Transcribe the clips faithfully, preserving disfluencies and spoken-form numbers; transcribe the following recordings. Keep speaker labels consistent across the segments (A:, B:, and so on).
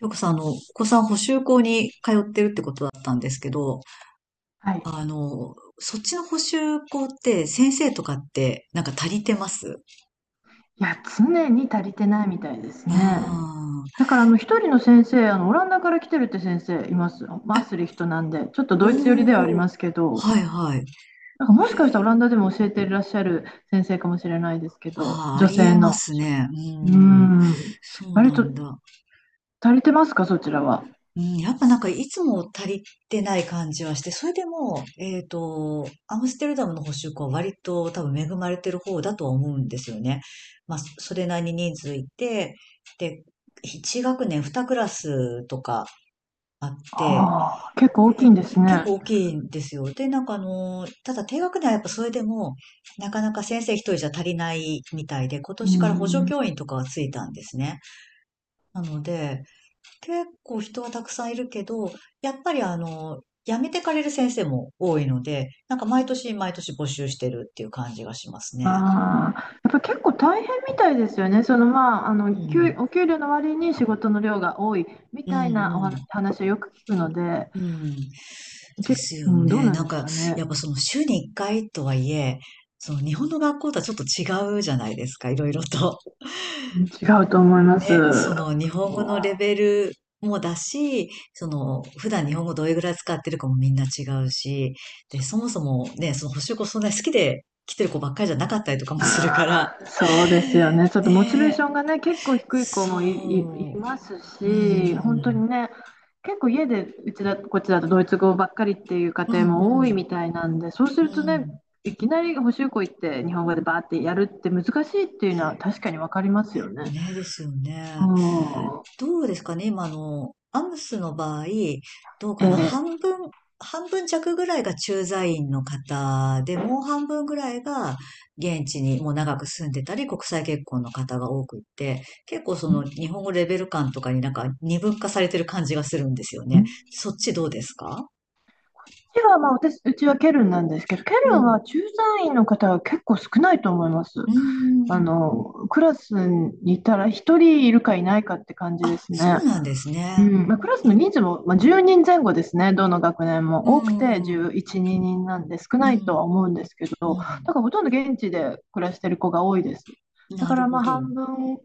A: よくさん、あの、お子さん補習校に通ってるってことだったんですけど、
B: はい。い
A: あの、そっちの補習校って先生とかってなんか足りてます？
B: や、常に足りてないみたいですね。
A: ああ
B: だから、あの、一人の先生、あの、オランダから来てるって先生います。マースリヒトなんで、ちょっと
A: ー、
B: ドイツ寄りではあり
A: お
B: ま
A: ー、
B: すけど、
A: はいはい。
B: なんかもしかしたらオランダでも教えていらっしゃる先生かもしれないですけど、
A: ああ、あ
B: 女
A: り
B: 性
A: えま
B: の。
A: すね。う
B: うー
A: ん。
B: ん。
A: そう
B: 割
A: な
B: と
A: んだ。
B: 足りてますか、そちらは。
A: うん、やっぱなんかいつも足りてない感じはして、それでも、えっと、アムステルダムの保守校は割と多分恵まれてる方だとは思うんですよね。まあ、そそれなりに人数いて、で、いち学年にクラスとかあっ
B: あ
A: て、
B: あ、結構大きい
A: で、
B: んです
A: 結
B: ね。
A: 構大きいんですよ。で、なんかあの、ただ低学年はやっぱそれでも、なかなか先生一人じゃ足りないみたいで、今
B: うー
A: 年から補助
B: ん。
A: 教員とかがついたんですね。なので、結構人はたくさんいるけど、やっぱりあの、辞めてかれる先生も多いので、なんか毎年毎年募集してるっていう感じがしますね。
B: ああ、やっぱ結構大変みたいですよね。そのまあ、あ
A: う
B: の、給、
A: ん。
B: お給料の割に仕事の量が多いみ
A: うん
B: たいなお
A: う
B: 話
A: ん。
B: 話をよく聞くので、
A: うん。で
B: 結構
A: す
B: う
A: よ
B: ん、どう
A: ね。
B: なん
A: なん
B: です
A: か、
B: か
A: や
B: ね。
A: っぱその週にいっかいとはいえ、その日本の学校とはちょっと違うじゃないですか、いろいろと。
B: うん、違うと思います。う
A: ね、
B: ん、
A: その日本語
B: そ
A: のレベルもだし、その普段日本語どれぐらい使ってるかもみんな違うし、で、
B: う
A: そもそもね、その補習校そんなに好きで来てる子ばっかりじゃなかったりとかもするから、
B: そうですよね。ちょっとモチベ
A: ね
B: ー
A: え、
B: ションがね、結構低い子もい、い、い
A: そ
B: ます
A: う、う
B: し、本当
A: ん、
B: にね、結構家でうちだ、こっちだとドイツ語ばっかりっていう家
A: う
B: 庭
A: ん、う
B: も多い
A: ん、
B: みたいなんで、そうす
A: う
B: るとね、
A: ん、
B: いきなり補習校行って日本語でバーってやるって難しいっていうのは確かにわかりますよね。
A: ねえですよ
B: う
A: ね。
B: ん。
A: どうですかね、今あの、アムスの場合、どう
B: え
A: かな、
B: ー
A: 半分、半分弱ぐらいが駐在員の方で、もう半分ぐらいが現地にもう長く住んでたり、国際結婚の方が多くって、結構その日本語レベル感とかになんか二分化されてる感じがするんですよ
B: う
A: ね。そっちどうですか？
B: ちはまあ、私、うちはケルンなんですけど、ケ
A: う
B: ルン
A: ん。
B: は駐在員の方は結構少ないと思います。
A: うー
B: あ
A: ん。
B: の、クラスにいたら一人いるかいないかって感じで
A: あ、
B: す
A: そう
B: ね。
A: なんです
B: う
A: ね。う
B: ん、まあ、クラスの
A: ん。
B: 人数も、まあ、じゅうにんぜんごですね、どの学年
A: う
B: も。多くて
A: ん。
B: じゅういち、人なんで少
A: う
B: ないとは
A: ん。
B: 思うんですけ
A: う
B: ど、
A: ん。
B: だからほとんど現地で暮らしてる子が多いです。だ
A: な
B: か
A: る
B: ら
A: ほ
B: まあ
A: ど。
B: 半分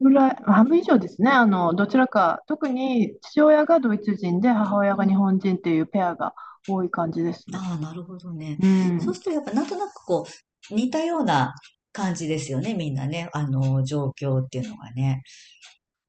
B: ぐらい、まあ半分以上ですね、あのどちらか、特に父親がドイツ人で母親
A: う
B: が日
A: ん。
B: 本人っていうペアが多い感じですね。
A: ああ、なるほどね。
B: う
A: そうす
B: ん、
A: るとやっぱなんとなくこう、似たような感じですよね、みんなね。あの、状況っていうのがね。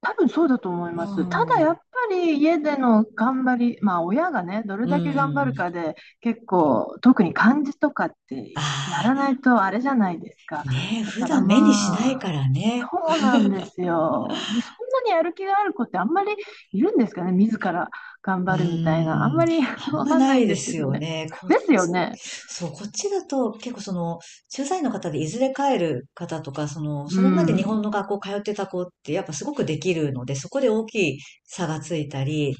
B: 多分そうだと思い
A: う
B: ます。た
A: ー
B: だやっ
A: ん。
B: ぱり家での頑張り、まあ親がね、どれ
A: う
B: だけ頑張
A: ー
B: る
A: ん。
B: かで結構、特に漢字とかってや
A: あ
B: らないとあれじゃないですか。
A: あ、ねえ、
B: だ
A: 普
B: から
A: 段目にしない
B: ま
A: か
B: あ、
A: らね。
B: そうなんですよ。で、そんなにやる気がある子ってあんまりいるんですかね、自ら頑
A: う
B: 張るみたいな。あん
A: ーん、
B: まり
A: あん
B: わ
A: ま
B: かん
A: な
B: ない
A: い
B: ん
A: で
B: ですけ
A: す
B: ど
A: よ
B: ね。
A: ね。こっ
B: で
A: ち、
B: すよね。
A: そう、こっちだと結構その、駐在の方でいずれ帰る方とか、その、
B: う
A: それまで日
B: ん。
A: 本の学校通ってた子ってやっぱすごくできるので、そこで大きい差がついたり、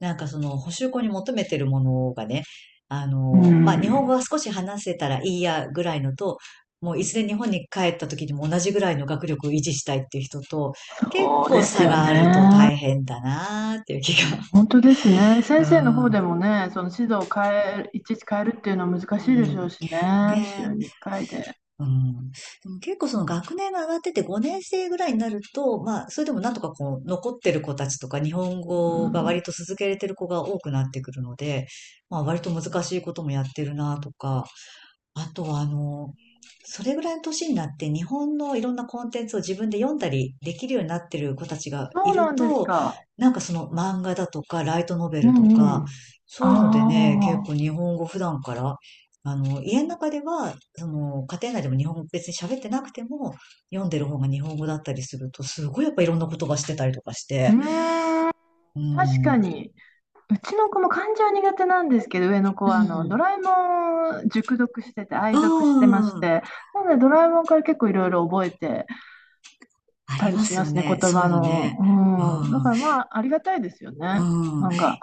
A: なんかその、補習校に求めてるものがね、あ
B: う
A: の、まあ、日本語
B: ん。
A: は少し話せたらいいやぐらいのと、もういずれ日本に帰った時にも同じぐらいの学力を維持したいっていう人と、結
B: そう
A: 構
B: です
A: 差
B: よ
A: があると
B: ね。
A: 大変だなーっていう気が。
B: 本当ですね。
A: う
B: 先生の方で
A: ん。
B: もね、その指導を変える、いちいち変えるっていうのは難
A: う
B: しいでしょう
A: ん。
B: しね、
A: ねえ。
B: 週ににかいで。
A: うん。でも結構その学年が上がっててごねん生ぐらいになると、まあ、それでもなんとかこう、残ってる子たちとか、日本
B: う
A: 語が
B: ん、
A: 割と続けれてる子が多くなってくるので、まあ、割と難しいこともやってるなとか、あとは、あの、それぐらいの年になって日本のいろんなコンテンツを自分で読んだりできるようになってる子たちが
B: そ
A: い
B: う
A: る
B: なんです
A: と、
B: か。
A: なんかその漫画だとかライトノベ
B: う
A: ルと
B: んう
A: か、
B: ん。
A: そういうのでね、
B: あ
A: 結構
B: あ、
A: 日本語普段から、あの、家の中では、その、家庭内でも日本語別に喋ってなくても、読んでる方が日本語だったりすると、すごいやっぱいろんな言葉してたりとかし
B: う
A: て、
B: ーん、
A: う
B: 確
A: ん、
B: か
A: う
B: に。うちの子も漢字は苦手なんですけど、上の子はあのド
A: ん。
B: ラえもん熟読してて、
A: う
B: 愛読してまし
A: ん、
B: て、なのでドラえもんから結構いろいろ覚えて
A: あ
B: た
A: り
B: り
A: ま
B: し
A: す
B: ま
A: よ
B: すね、
A: ね、
B: 言
A: そうい
B: 葉
A: うの
B: の。
A: ね。う
B: うん、だ
A: ん、
B: からまあ、ありがたいですよ
A: う
B: ね、
A: ん。
B: 漫画。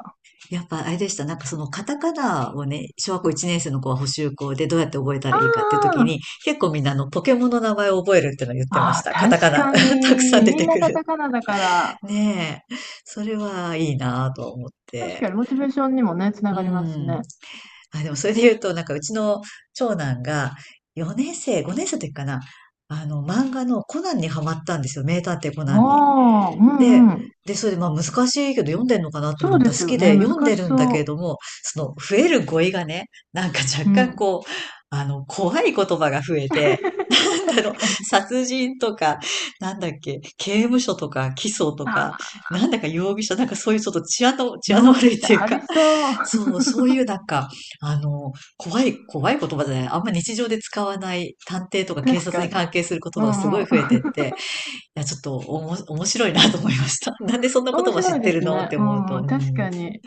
A: やっぱあれでした。なんかそのカタカナをね、小学校いちねん生の子は補習校でどうやって覚えたらいいかっていう時
B: あ
A: に、結構みんなあのポケモンの名前を覚えるっていうのを言ってまし
B: ああ、
A: た。カタカ
B: 確
A: ナ。
B: か
A: たくさ
B: に。
A: ん出
B: みん
A: て
B: な
A: く
B: カ
A: る。
B: タカナだから、
A: ねえ。それはいいなぁと思っ
B: 確
A: て。
B: かにモチベーションにもね、つな
A: う
B: がりますし
A: ん。
B: ね。
A: あ、でもそれで言うと、なんかうちの長男がよねん生、ごねん生の時かな。あの漫画のコナンにハマったんですよ。名探偵コナ
B: あ
A: ンに。
B: あ、うん
A: で、
B: うん。
A: で、それでまあ難しいけど読んでんのかなと
B: そ
A: 思
B: う
A: った
B: で
A: ら好
B: すよ
A: き
B: ね。
A: で
B: 難
A: 読んで
B: し
A: るんだ
B: そ
A: け
B: う。
A: れども、その増える語彙がね、なんか
B: う
A: 若干
B: ん。
A: こう、あの、怖い言葉が増えて、な んだろ
B: 確
A: う、
B: かに。
A: 殺人とか、なんだっけ、刑務所とか、起訴と
B: あ
A: か、
B: あ、
A: なんだか容疑者、なんかそういうちょっと治安の、治安の
B: 容
A: 悪
B: 疑
A: いっ
B: 者
A: ていう
B: あ
A: か、
B: りそう。
A: そう、そういうなんか、あの、怖い、怖い言葉じゃない、あんま日常で使わない探偵とか警
B: 確
A: 察
B: か
A: に
B: に。
A: 関係する言
B: う
A: 葉がすご
B: んう
A: い
B: ん。
A: 増えてって、や、ちょっとおも、面白いなと思いました。なんでそんなこ
B: 面
A: とも知
B: 白
A: っ
B: い
A: て
B: で
A: る
B: す
A: のっ
B: ね。
A: て
B: う
A: 思う
B: んう
A: と、
B: ん。
A: う
B: 確
A: ん。
B: かに。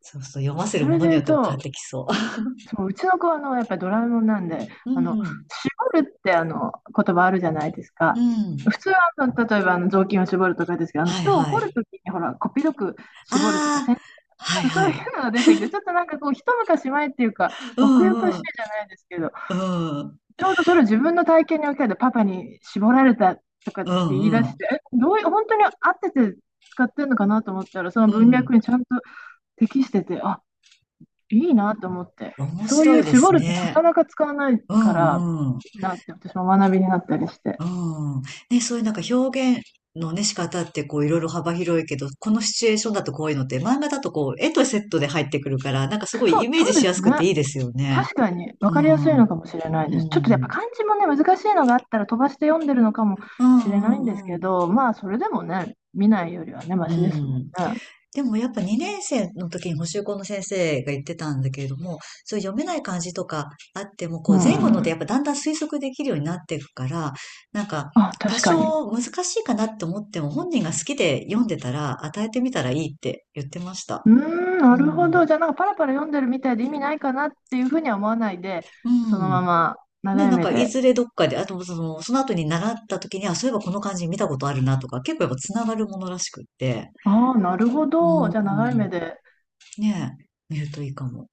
A: そうそう、読ませる
B: そ
A: も
B: れ
A: の
B: で
A: に
B: 言
A: よ
B: う
A: っても変わって
B: と、
A: きそう。
B: そう、うちの子はあの、やっぱりドラえもんなんで、
A: う
B: あの、
A: ん、
B: 絞るってあの、言葉あるじゃないです
A: う
B: か。
A: ん。
B: 普通はあの、例えばあの、雑巾を絞るとかですけど、あの、
A: はい
B: 人を
A: は
B: 怒る
A: い。
B: ときにほら、こっぴどく
A: あ
B: 絞るとか、
A: あ、
B: 先
A: はい
B: なんかそ
A: は
B: うい
A: い。
B: うのが出てきて、ちょっとなんかこう、一昔前っていうか、
A: う
B: 奥ゆか
A: ん
B: し
A: う
B: い
A: ん。
B: じゃないですけど、
A: うん、うん
B: ちょうどそれを自分の体験に置き換えて、パパに絞られたとかっ
A: う
B: て言い出し
A: ん。
B: て、え、どういう、本当に合ってて使ってるのかなと思ったら、その
A: う
B: 文脈
A: ん。
B: にちゃんと適してて、あ、いいなと思って。
A: 面
B: そうい
A: 白
B: う
A: いで
B: 絞
A: す
B: るってなか
A: ね。
B: なか使わない
A: う
B: から、
A: んうん。
B: いいなって私も学びになったりして。
A: うん。ね、そういうなんか表現のね、仕方ってこういろいろ幅広いけど、このシチュエーションだとこういうのって、漫画だとこう絵とセットで入ってくるから、なんかすごい
B: そ
A: イ
B: う、
A: メー
B: そ
A: ジ
B: うで
A: しやす
B: すね。
A: くていいですよね。
B: 確かに分
A: う
B: かりやすい
A: んう
B: の
A: ん。
B: かもしれないです。ちょっとやっ
A: う
B: ぱ
A: ん。
B: 漢字もね、難しいのがあったら飛ばして読んでるのかも
A: うん
B: しれないん
A: う
B: です
A: ん
B: け
A: うん。
B: ど、まあそれでもね、見ないよりはね、マ
A: う
B: シですもん
A: ん。
B: ね。
A: でもやっぱにねん生の時に補習校の先生が言ってたんだけれども、そういう読めない漢字とかあっても、こ
B: う
A: う前後ので
B: ん。
A: やっぱだんだん推測できるようになっていくから、なんか
B: あ、
A: 多
B: 確かに。
A: 少難しいかなって思っても本人が好きで読んでたら与えてみたらいいって言ってました。
B: うーん、
A: う
B: なるほど。
A: ん。
B: じゃあなんかパラパラ読んでるみたいで意味ないかなっていうふうには思わないで、
A: う
B: そのま
A: ん。
B: ま
A: ね、
B: 長い
A: なん
B: 目
A: かい
B: で。
A: ずれどっかで、あとその、その後に習った時に、あ、そういえばこの漢字見たことあるなとか、結構やっぱつながるものらしくって。
B: ああ、なるほ
A: う
B: ど。じゃあ長い目
A: ん。
B: で。
A: ねえ、見るといいかも。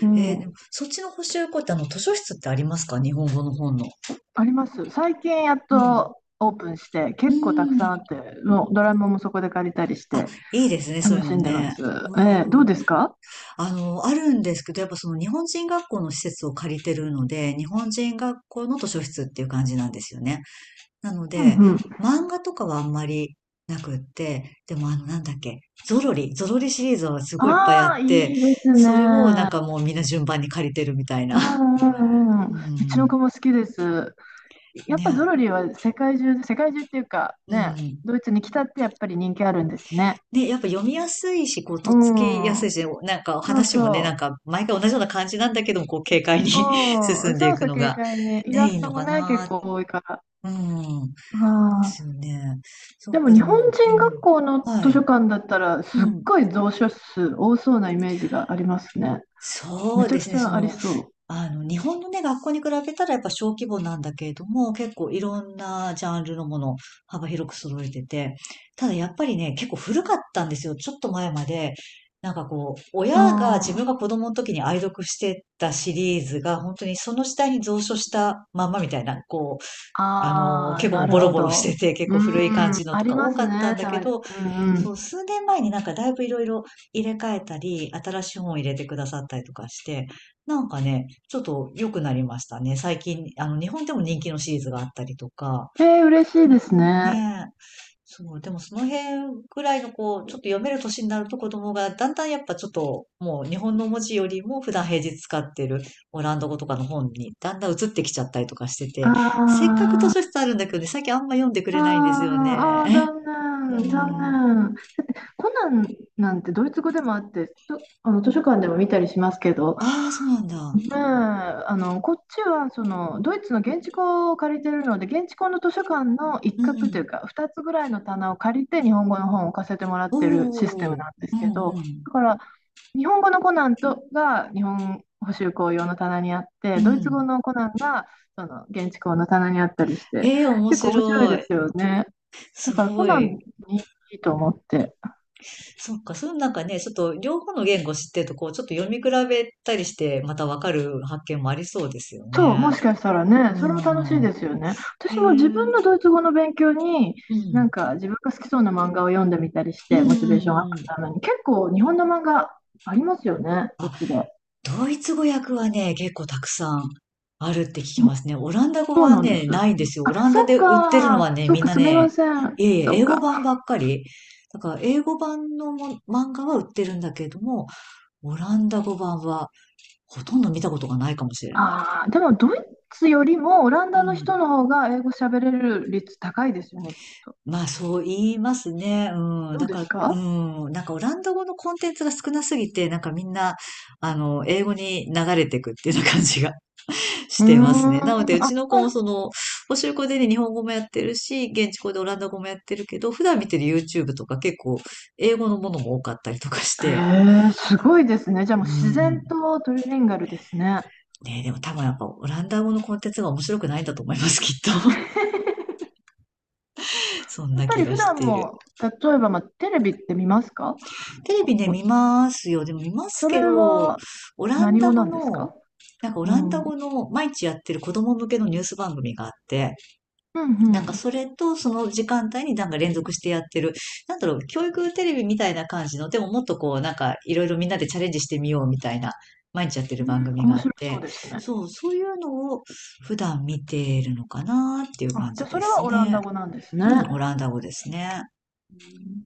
B: う
A: えー
B: ん。
A: でも、そっちの補習校ってあの、図書室ってありますか日本語の本の？
B: あります。最近やっ
A: うん。
B: とオープンして、
A: う
B: 結構たくさん
A: ん。
B: あって、もうドラムもそこで借りたりし
A: あ、
B: て、
A: いいですね、そうい
B: 楽
A: うの
B: しんでま
A: ね。
B: す。
A: う
B: えーどう
A: ん。
B: ですか？
A: あの、あるんですけど、やっぱその日本人学校の施設を借りてるので、日本人学校の図書室っていう感じなんですよね。なの
B: うん
A: で、
B: うん。
A: 漫画とかはあんまりなくって、でもあの、なんだっけ、ゾロリ、ゾロリシリーズはすごいいっぱいあっ
B: ああ、い
A: て、
B: いです
A: それをな
B: ね。
A: んかもうみんな順番に借りてるみたい
B: う
A: な。
B: んうん。
A: う
B: うんうちの
A: ん。
B: 子も好きです。やっぱゾ
A: ね、
B: ロリは世界中で、世界中っていうか
A: う
B: ね、
A: ん。
B: ドイツに来たってやっぱり人気あるんですね。
A: ね、やっぱ読みやすいし、こう、
B: う
A: とっつきやすい
B: ん。
A: し、なんか
B: そう
A: 話もね、なん
B: そ
A: か毎回同じような感じなんだけども、こう、軽快に
B: う。う
A: 進
B: ん。
A: んで
B: そ
A: い
B: う
A: く
B: そう、
A: の
B: 軽
A: が、
B: 快に。イ
A: ね、
B: ラ
A: いい
B: スト
A: の
B: も
A: か
B: ね、結
A: な。
B: 構多いから。
A: うん。で
B: あ、
A: すよね。そ
B: で
A: う
B: も
A: か、で
B: 日本
A: も、
B: 人学校の
A: うん。は
B: 図書
A: い。
B: 館だったらすっ
A: うん。
B: ごい蔵書数多そうなイメージがありますね。
A: そ
B: め
A: う
B: ちゃ
A: で
B: く
A: す
B: ち
A: ね、そ
B: ゃあり
A: の、
B: そ
A: あの、日本のね、学校に比べたらやっぱ小規模なんだけれども、結構いろんなジャンルのものを幅広く揃えてて、ただやっぱりね、結構古かったんですよ。ちょっと前まで。なんかこう、
B: う。
A: 親が自
B: あ
A: 分
B: ー、
A: が子供の時に愛読してたシリーズが、本当にその時代に蔵書したまんまみたいな、こあの、
B: ああ、
A: 結構も
B: な
A: うボ
B: る
A: ロ
B: ほ
A: ボロして
B: ど。
A: て、結
B: う
A: 構古い感
B: ん、
A: じの
B: あ
A: と
B: り
A: か
B: ま
A: 多
B: す
A: かったん
B: ね、
A: だ
B: た
A: け
B: まに。
A: ど、
B: うんう
A: そ
B: ん。
A: う、数年前になんかだいぶいろいろ入れ替えたり、新しい本を入れてくださったりとかして、なんかね、ちょっと良くなりましたね。最近、あの、日本でも人気のシリーズがあったりとか、
B: えー、嬉しいですね。
A: ねそう、でもその辺ぐらいのこう、ちょっと読める年になると子供がだんだんやっぱちょっともう日本の文字よりも普段平日使ってるオランダ語とかの本にだんだん移ってきちゃったりとかしてて、せっ
B: あ
A: かく図書
B: ー
A: 室あるんだけどね、最近あんま読んでく
B: あー、
A: れないんですよ
B: あー
A: ね。
B: 残
A: う
B: 念、
A: ん。
B: 残念。コナンなんてドイツ語でもあって、とあの図書館でも見たりしますけど、
A: ああ、そうなんだ。
B: ねえ、あの、こっちは、その、ドイツの現地校を借りてるので、現地校の図書館の一
A: う
B: 角という
A: ん。
B: か、ふたつぐらいの棚を借りて、日本語の本を置かせてもらっ
A: お
B: てるシステム
A: お。
B: なんで
A: う
B: すけ
A: んう
B: ど、
A: ん。
B: だから、日本語のコナンとが日本補習校用の棚にあっ
A: う
B: て、ドイツ語
A: ん。
B: のコナンが、その、現地校の棚にあったりして、
A: ええ、面
B: 結構面白い
A: 白
B: で
A: い。
B: すよね。だ
A: す
B: から、コ
A: ご
B: ナ
A: い。
B: ンにいいと思って。
A: そっか、そのなんかね、ちょっと両方の言語知ってると、こう、ちょっと読み比べたりして、またわかる発見もありそうですよ
B: そう、
A: ね。
B: もしかしたら
A: う
B: ね、それも楽しい
A: ん。
B: ですよね。
A: へえ。
B: 私
A: う
B: も自分
A: ん。
B: のドイツ語の勉強に、なんか自分が好きそうな漫画を読んでみたりし
A: うん
B: て、
A: う
B: モチベーションアップ
A: んうん。
B: のために、結構日本の漫画ありますよね、こ
A: あ、
B: っちで。
A: ドイツ語訳はね、結構たくさんあるって聞きますね。オランダ語
B: そう
A: は
B: なんです。
A: ね、ないんですよ。オ
B: あ、
A: ラン
B: そ
A: ダ
B: っ
A: で売ってるのは
B: か、
A: ね、
B: そっ
A: みん
B: か、
A: な
B: すみま
A: ね、
B: せん。
A: いえい
B: そ
A: え、
B: っ
A: 英語版
B: か。
A: ばっかり。だから、英語版のも漫画は売ってるんだけれども、オランダ語版はほとんど見たことがないかもしれない。
B: ああ、でもドイツよりもオランダの人の方が英語喋れる率高いですよね、きっと。
A: まあそう言いますね。うん。
B: どう
A: だ
B: で
A: から、
B: す
A: う
B: か？
A: ん。なんかオランダ語のコンテンツが少なすぎて、なんかみんな、あの、英語に流れていくっていうような感じが し
B: うー
A: てますね。なの
B: ん、
A: で、う
B: あ、
A: ちの子
B: まあ
A: もその、補習校でね、日本語もやってるし、現地校でオランダ語もやってるけど、普段見てる ユーチューブ とか結構、英語のものも多かったりとかして、
B: へえ、すごいですね。じゃあも
A: う
B: う自然
A: ん。
B: とトリリンガルですね。
A: ね、でも多分やっぱオランダ語のコンテンツが面白くないんだと思います、きっと。そん
B: やっ
A: な
B: ぱ
A: 気
B: り
A: が
B: 普
A: し
B: 段
A: ている。
B: も、例えば、まあ、テレビって見ますか？
A: テレ
B: あ
A: ビね、
B: お
A: 見ますよ。でも見ます
B: それ
A: けど、
B: は
A: オラン
B: 何
A: ダ
B: 語な
A: 語
B: んです
A: の、
B: か？
A: なんかオ
B: う
A: ランダ
B: ん。うん
A: 語の毎日やってる子供向けのニュース番組があって、
B: う
A: なんか
B: ん。
A: それとその時間帯になんか連続してやってる、なんだろう、教育テレビみたいな感じの、でももっとこう、なんかいろいろみんなでチャレンジしてみようみたいな、毎日やってる番
B: う
A: 組
B: ん、面
A: があっ
B: 白そう
A: て、
B: ですね。
A: そう、そういうのを普段見ているのかなっていう
B: あ、
A: 感
B: じ
A: じ
B: ゃあそ
A: で
B: れ
A: す
B: はオラン
A: ね。
B: ダ語なんですね。
A: うん、オランダ語ですね。
B: うん